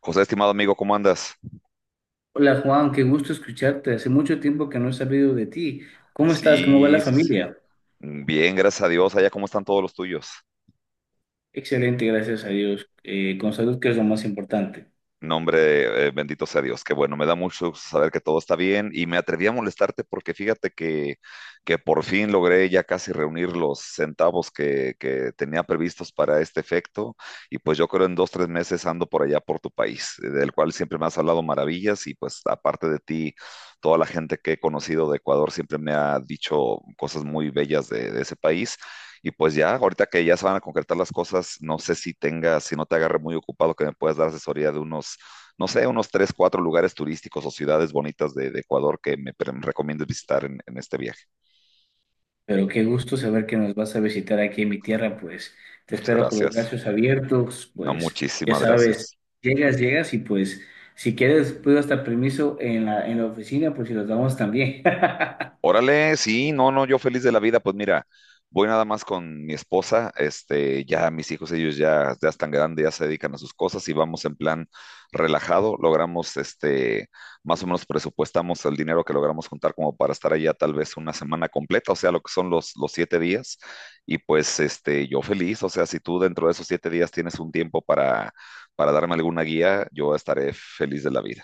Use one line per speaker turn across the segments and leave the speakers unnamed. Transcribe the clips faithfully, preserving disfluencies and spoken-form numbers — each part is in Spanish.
José, estimado amigo, ¿cómo andas?
Hola Juan, qué gusto escucharte. Hace mucho tiempo que no he sabido de ti. ¿Cómo estás? ¿Cómo va
Sí,
la
sí, sí.
familia?
Mm, Bien, gracias a Dios. Allá, ¿cómo están todos los tuyos?
Excelente, gracias a Dios. Eh, con salud, que es lo más importante.
No, hombre, eh, bendito sea Dios. Qué bueno, me da mucho gusto saber que todo está bien. Y me atreví a molestarte porque fíjate que, que por fin logré ya casi reunir los centavos que, que tenía previstos para este efecto. Y pues yo creo en dos, tres meses ando por allá por tu país, eh, del cual siempre me has hablado maravillas. Y pues aparte de ti, toda la gente que he conocido de Ecuador siempre me ha dicho cosas muy bellas de de ese país. Y pues ya, ahorita que ya se van a concretar las cosas, no sé si tenga, si no te agarre muy ocupado, que me puedas dar asesoría de unos, no sé, unos tres, cuatro lugares turísticos o ciudades bonitas de, de Ecuador que me, pre- me recomiendes visitar en, en este viaje.
Pero qué gusto saber que nos vas a visitar aquí en mi tierra, pues te
Muchas
espero con los
gracias.
brazos abiertos,
No,
pues ya
muchísimas
sabes,
gracias.
llegas, llegas y pues si quieres puedo hasta permiso en la, en la oficina, pues si los damos también.
Órale, sí, no, no, yo feliz de la vida, pues mira, voy nada más con mi esposa, este, ya mis hijos, ellos ya, ya están grandes, ya se dedican a sus cosas y vamos en plan relajado, logramos, este, más o menos presupuestamos el dinero que logramos juntar como para estar allá tal vez una semana completa, o sea, lo que son los, los siete días, y pues, este, yo feliz, o sea, si tú dentro de esos siete días tienes un tiempo para, para, darme alguna guía, yo estaré feliz de la vida.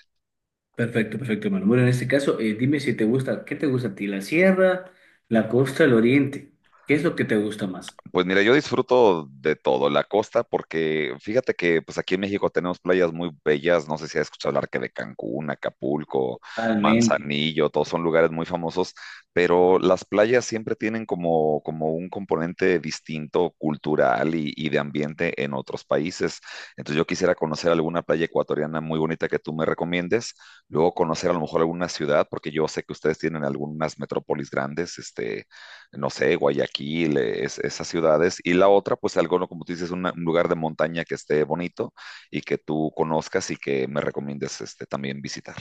Perfecto, perfecto, hermano. Bueno, en este caso, eh, dime si te gusta, ¿qué te gusta a ti? ¿La sierra, la costa, el oriente? ¿Qué es lo que te gusta más?
Pues mira, yo disfruto de todo, la costa, porque fíjate que pues aquí en México tenemos playas muy bellas, no sé si has escuchado hablar que de Cancún, Acapulco,
Totalmente,
Manzanillo, todos son lugares muy famosos, pero las playas siempre tienen como, como un componente distinto, cultural y, y de ambiente en otros países. Entonces yo quisiera conocer alguna playa ecuatoriana muy bonita que tú me recomiendes, luego conocer a lo mejor alguna ciudad, porque yo sé que ustedes tienen algunas metrópolis grandes, este no sé, Guayaquil, e, es- esas ciudades, y la otra, pues algo, ¿no? Como tú dices, una- un lugar de montaña que esté bonito y que tú conozcas y que me recomiendes este, también visitar.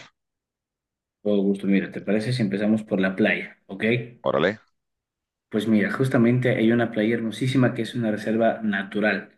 todo gusto. Mira, ¿te parece si empezamos por la playa? ¿Ok?
Órale,
Pues mira, justamente hay una playa hermosísima que es una reserva natural.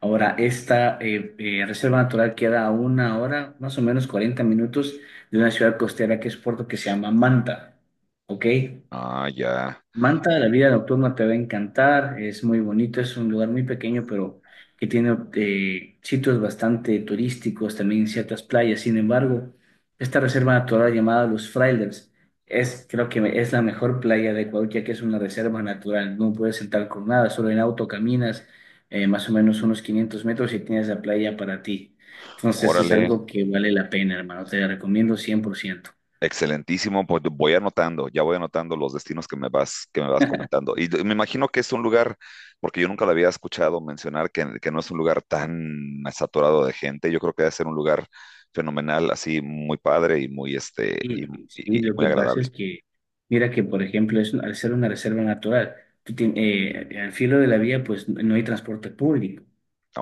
Ahora, esta eh, eh, reserva natural queda a una hora, más o menos cuarenta minutos de una ciudad costera que es Puerto que se llama Manta. ¿Ok?
ah, ya,
Manta, la vida nocturna te va a encantar, es muy bonito, es un lugar muy pequeño, pero que tiene eh, sitios bastante turísticos, también ciertas playas. Sin embargo, esta reserva natural llamada Los Frailers es, creo que es la mejor playa de Ecuador, ya que es una reserva natural, no puedes entrar con nada, solo en auto caminas eh, más o menos unos quinientos metros y tienes la playa para ti. Entonces es
órale,
algo que vale la pena, hermano, te la recomiendo cien por ciento.
excelentísimo, pues voy anotando, ya voy anotando los destinos que me vas, que me vas comentando. Y me imagino que es un lugar, porque yo nunca lo había escuchado mencionar, que, que no es un lugar tan saturado de gente, yo creo que debe ser un lugar fenomenal, así muy padre y muy, este,
Sí,
y, y-
sí,
y
lo
muy
que pasa
agradable.
es que, mira que, por ejemplo, es, un- al ser una reserva natural, tú tien- eh, al filo de la vía, pues no hay transporte público,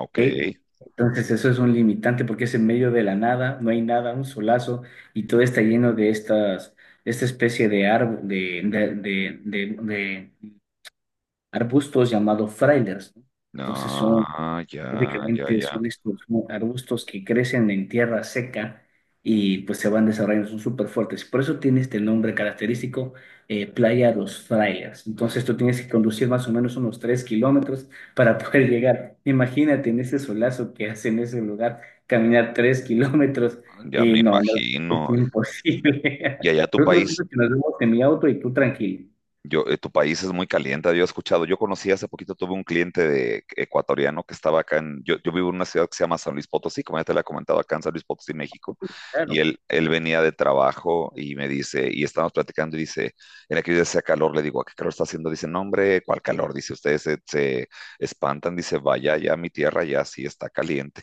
¿ok? Entonces eso es un limitante porque es en medio de la nada, no hay nada, un solazo, y todo está lleno de estas, esta especie de árbol, de, de, de, de- de arbustos llamados frailers, ¿no?
No,
Entonces son
ya, ya,
Prácticamente
ya,
son estos mu- arbustos que crecen en tierra seca y pues se van desarrollando, son súper fuertes. Por eso tiene este nombre característico, eh, Playa Los Frailes. Entonces tú tienes que conducir más o menos unos tres kilómetros para poder llegar. Imagínate en ese solazo que hace en ese lugar, caminar tres kilómetros.
ya me
Y no, no,
imagino.
es imposible.
Y allá tu
Pero no te
país,
preocupes que nos vemos en mi auto y tú tranquilo.
yo, eh, tu país es muy caliente, había escuchado. Yo conocí hace poquito, tuve un cliente de ecuatoriano que estaba acá en, yo, yo vivo en una ciudad que se llama San Luis Potosí, como ya te la he comentado, acá en San Luis Potosí, México, y
Claro.
él, él venía de trabajo y me dice, y estábamos platicando y dice, en aquel día hacía calor, le digo, ¿a qué calor está haciendo? Dice, no, hombre, ¿cuál calor? Dice, ustedes se, se espantan, dice, vaya, ya mi tierra ya sí está caliente.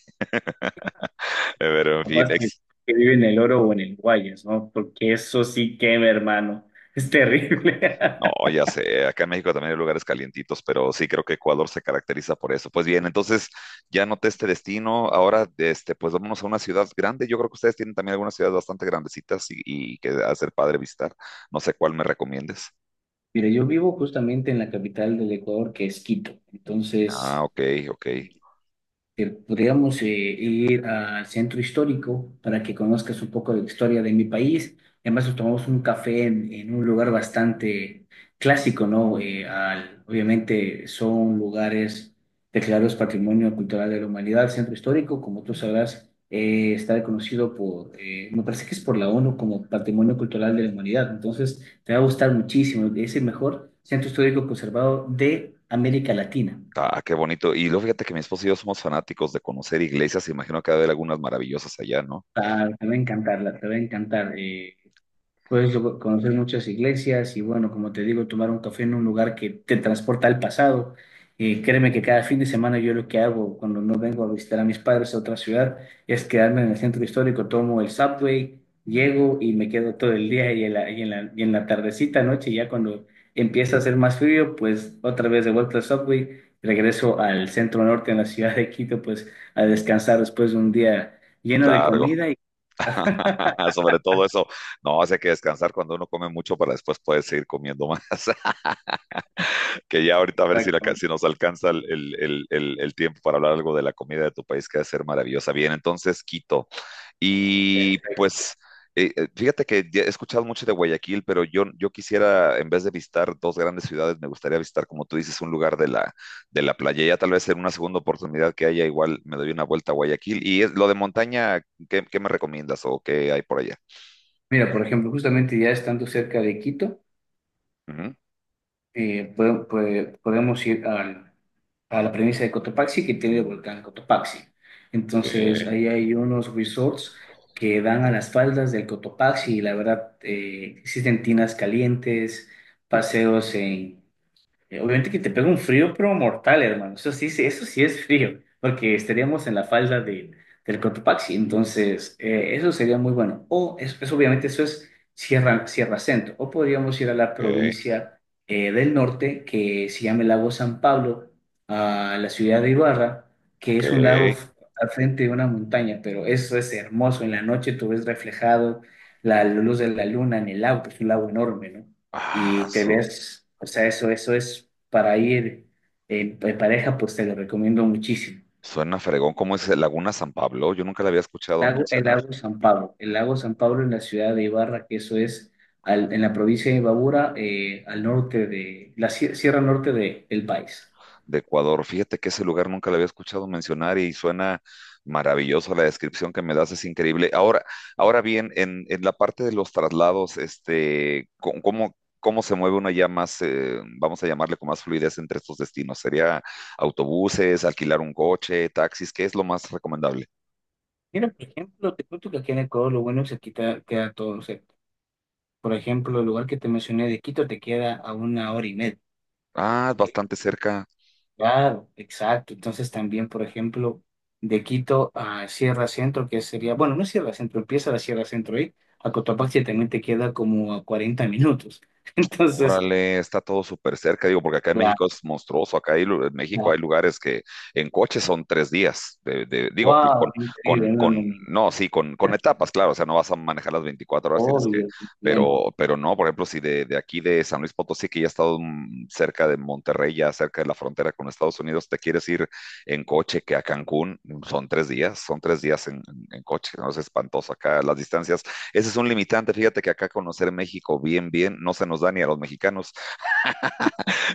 Pero en fin.
Capaz que,
ex-
que vive en el Oro o en el Guayas, ¿no? Porque eso sí quema, hermano. Es terrible.
No, ya sé, acá en México también hay lugares calientitos, pero sí creo que Ecuador se caracteriza por eso. Pues bien, entonces ya noté este destino, ahora este, pues vámonos a una ciudad grande. Yo creo que ustedes tienen también algunas ciudades bastante grandecitas y, y que hacer padre visitar. No sé cuál me recomiendes.
Mira, yo vivo justamente en la capital del Ecuador, que es Quito.
Ah,
Entonces,
ok, ok.
que podríamos eh, ir al centro histórico para que conozcas un poco de la historia de mi país. Además, nos tomamos un café en, en un lugar bastante clásico, ¿no? Eh, al- obviamente son lugares declarados Patrimonio Cultural de la Humanidad. El centro histórico, como tú sabrás, eh, está reconocido por, eh, me parece que es por la onu como Patrimonio Cultural de la Humanidad. Entonces, te va a gustar muchísimo. Es el mejor centro histórico conservado de América Latina.
Ah, qué bonito. Y luego fíjate que mi esposo y yo somos fanáticos de conocer iglesias, imagino que va a haber algunas maravillosas allá, ¿no?
Claro, te va a encantarla, te va a encantar. Eh, puedes lo- conocer muchas iglesias y bueno, como te digo, tomar un café en un lugar que te transporta al pasado. Eh, créeme que cada fin de semana yo lo que hago cuando no vengo a visitar a mis padres a otra ciudad es quedarme en el centro histórico, tomo el subway, llego y me quedo todo el día y en la, y en la, y en la tardecita, noche, ya cuando empieza a hacer más frío, pues otra vez de vuelta al subway, regreso al centro norte en la ciudad de Quito, pues a descansar después de un día lleno de
Largo,
comida.
sobre todo eso. No, hace que descansar cuando uno come mucho para después poder seguir comiendo más. Que ya ahorita a ver si, la,
Exactamente,
si nos alcanza el, el, el, el, tiempo para hablar algo de la comida de tu país, que debe ser maravillosa. Bien, entonces Quito. Y
perfecto.
pues eh, eh, fíjate que ya he escuchado mucho de Guayaquil, pero yo, yo quisiera, en vez de visitar dos grandes ciudades, me gustaría visitar, como tú dices, un lugar de la, de la playa. Ya tal vez en una segunda oportunidad que haya, igual me doy una vuelta a Guayaquil. Y es, lo de montaña, ¿qué, qué me recomiendas o qué hay por allá?
Mira, por ejemplo, justamente ya estando cerca de Quito,
Ujú.
eh, pode- pode- podemos ir al- a la premisa de Cotopaxi que tiene el volcán Cotopaxi. Entonces,
Ok,
ahí hay unos resorts que dan a las faldas del Cotopaxi y la verdad, eh, existen tinas calientes, paseos en Eh, Obviamente que te pega un frío, pero mortal, hermano. Eso sí, sí- eso sí es frío, porque estaríamos en la falda de, del Cotopaxi. Entonces, eh, eso sería muy bueno. O, es, es- obviamente, eso es Sierra, Sierra Centro. O podríamos ir a la
ok,
provincia eh, del norte, que se llama el lago San Pablo, a la ciudad de Ibarra, que
ok.
es un lago f- al frente de una montaña, pero eso es hermoso. En la noche tú ves reflejado la luz de la luna en el lago, que es un lago enorme, ¿no?
Ah,
Y te
su-
ves, o sea, eso, eso es para ir en, en pareja, pues te lo recomiendo muchísimo.
Suena fregón, ¿cómo es Laguna San Pablo? Yo nunca la había escuchado
Lago- El
mencionar
lago San Pablo, el lago San Pablo en la ciudad de Ibarra, que eso es al- en la provincia de Imbabura, eh, al norte de la sie- sierra norte de- del país.
de Ecuador. Fíjate que ese lugar nunca la había escuchado mencionar y suena maravilloso la descripción que me das, es increíble. Ahora, ahora bien, en, en la parte de los traslados, este, co- ¿cómo, cómo se mueve una ya más, eh, vamos a llamarle con más fluidez entre estos destinos? ¿Sería autobuses, alquilar un coche, taxis? ¿Qué es lo más recomendable?
Mira, por ejemplo, te cuento que aquí en Ecuador lo bueno es que aquí te- queda todo cerca. Por ejemplo, el lugar que te mencioné de Quito te queda a una hora y media,
Ah,
¿ok?
bastante cerca.
Claro, exacto. Entonces también, por ejemplo, de Quito a Sierra Centro, que sería, bueno, no es Sierra Centro, empieza la Sierra Centro ahí, a Cotopaxi también te queda como a cuarenta minutos. Entonces,
Órale, está todo súper cerca, digo, porque acá en
la,
México es monstruoso. Acá hay lu- en México
la,
hay lugares que en coche son tres días. De- de- digo, que con,
wow,
con,
increíble, no,
con,
no, ni-
no, sí, con, con etapas, claro. O sea, no vas a manejar las veinticuatro horas, tienes que,
obvio, entiendo.
pero, pero no, por ejemplo, si de, de aquí de San Luis Potosí, que ya he estado mm, cerca de Monterrey, ya cerca de la frontera con Estados Unidos, te quieres ir en coche que a Cancún, son tres días, son tres días en, en- en coche, ¿no? Es espantoso acá. Las distancias ese es un limitante. Fíjate que acá conocer México bien, bien, no se nos da ni a los mexicanos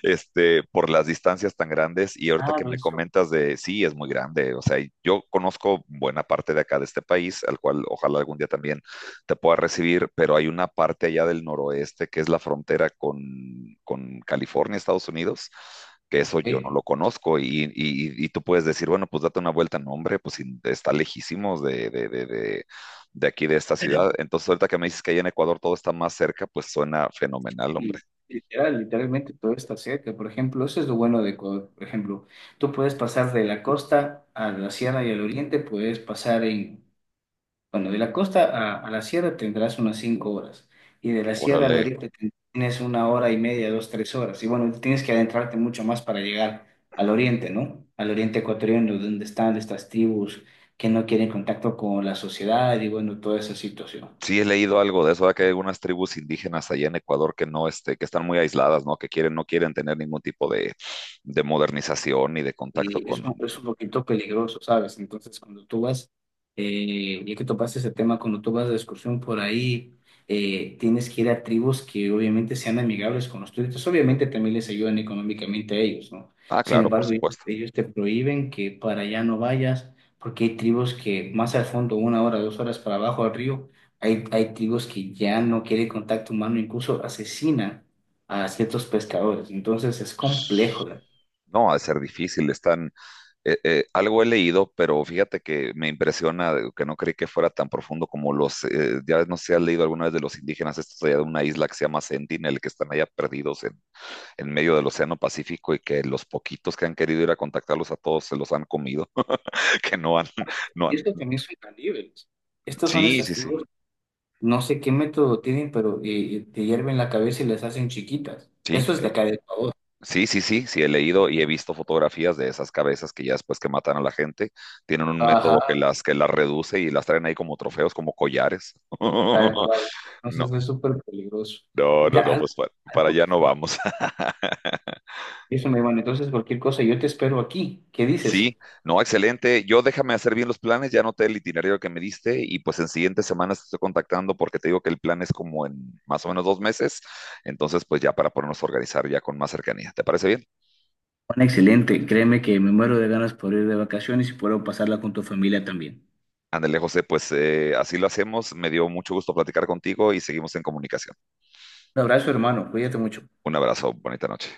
este, por las distancias tan grandes. Y ahorita que
Claro,
me
eso,
comentas de, sí, es muy grande. O sea, yo conozco buena parte de acá de este país, al cual ojalá algún día también te pueda recibir, pero hay una parte allá del noroeste que es la frontera con, con California, Estados Unidos, que eso yo no
eh,
lo conozco y, y, y tú puedes decir, bueno, pues date una vuelta, no hombre, pues sí, está lejísimos de, de, de, de de aquí de esta ciudad. Entonces, ahorita que me dices que allá en Ecuador todo está más cerca, pues suena fenomenal,
y
hombre.
literal, literalmente todo está cerca. Por ejemplo, eso es lo bueno de Ecuador. Por ejemplo, tú puedes pasar de la costa a la sierra y al oriente, puedes pasar en Bueno, de la costa a, a la sierra tendrás unas cinco horas y de la sierra al
Órale,
oriente ten- tienes una hora y media, dos, tres horas. Y bueno, tienes que adentrarte mucho más para llegar al oriente, ¿no? Al oriente ecuatoriano, donde están estas tribus que no quieren contacto con la sociedad y bueno, toda esa situación.
sí, he leído algo de eso, ¿verdad? Que hay algunas tribus indígenas allá en Ecuador que no, este, que están muy aisladas, ¿no? Que quieren, no quieren tener ningún tipo de, de modernización ni de contacto
Y es,
con.
un- es un poquito peligroso, ¿sabes? Entonces, cuando tú vas, eh, ya que topaste ese tema, cuando tú vas de excursión por ahí, eh, tienes que ir a tribus que obviamente sean amigables con los turistas. Obviamente también les ayudan económicamente a ellos, ¿no?
Ah,
Sin
claro, por
embargo, ellos,
supuesto.
ellos te prohíben que para allá no vayas, porque hay tribus que más al fondo, una hora, dos horas para abajo al río, hay, hay tribus que ya no quieren contacto humano, incluso asesinan a ciertos pescadores. Entonces, es complejo.
No, ha de ser difícil. Están, eh, eh, algo he leído, pero fíjate que me impresiona de- que no creí que fuera tan profundo como los, eh, ya no sé si has leído alguna vez de los indígenas, estos allá de una isla que se llama Sentinel, que están allá perdidos en, en medio del Océano Pacífico y que los poquitos que han querido ir a contactarlos a todos se los han comido. Que no han, no
Y
han,
esto también son caníbales. Estos son
sí,
estas
sí, sí,
tribus, no sé qué método tienen, pero eh, eh, te hierven la cabeza y las hacen chiquitas.
sí,
Eso es
eh,
de acá de...
sí, sí, sí, sí, he leído y he visto fotografías de esas cabezas que ya después que matan a la gente, tienen un método que
Ajá,
las, que las reduce y las traen ahí como trofeos, como collares.
tal cual.
No,
Entonces es súper peligroso.
no, no,
Mira,
no,
algo,
pues pa- para
algo
allá
que...
no vamos.
Eso me van, entonces cualquier cosa, yo te espero aquí. ¿Qué
Sí,
dices?
no, excelente. Yo déjame hacer bien los planes, ya anoté el itinerario que me diste y pues en siguientes semanas te estoy contactando porque te digo que el plan es como en más o menos dos meses, entonces pues ya para ponernos a organizar ya con más cercanía. ¿Te parece bien?
Bueno, excelente. Créeme que me muero de ganas por ir de vacaciones y puedo pasarla con tu familia también.
Ándale, José, pues eh, así lo hacemos. Me dio mucho gusto platicar contigo y seguimos en comunicación.
Un abrazo, hermano. Cuídate mucho.
Un abrazo, bonita noche.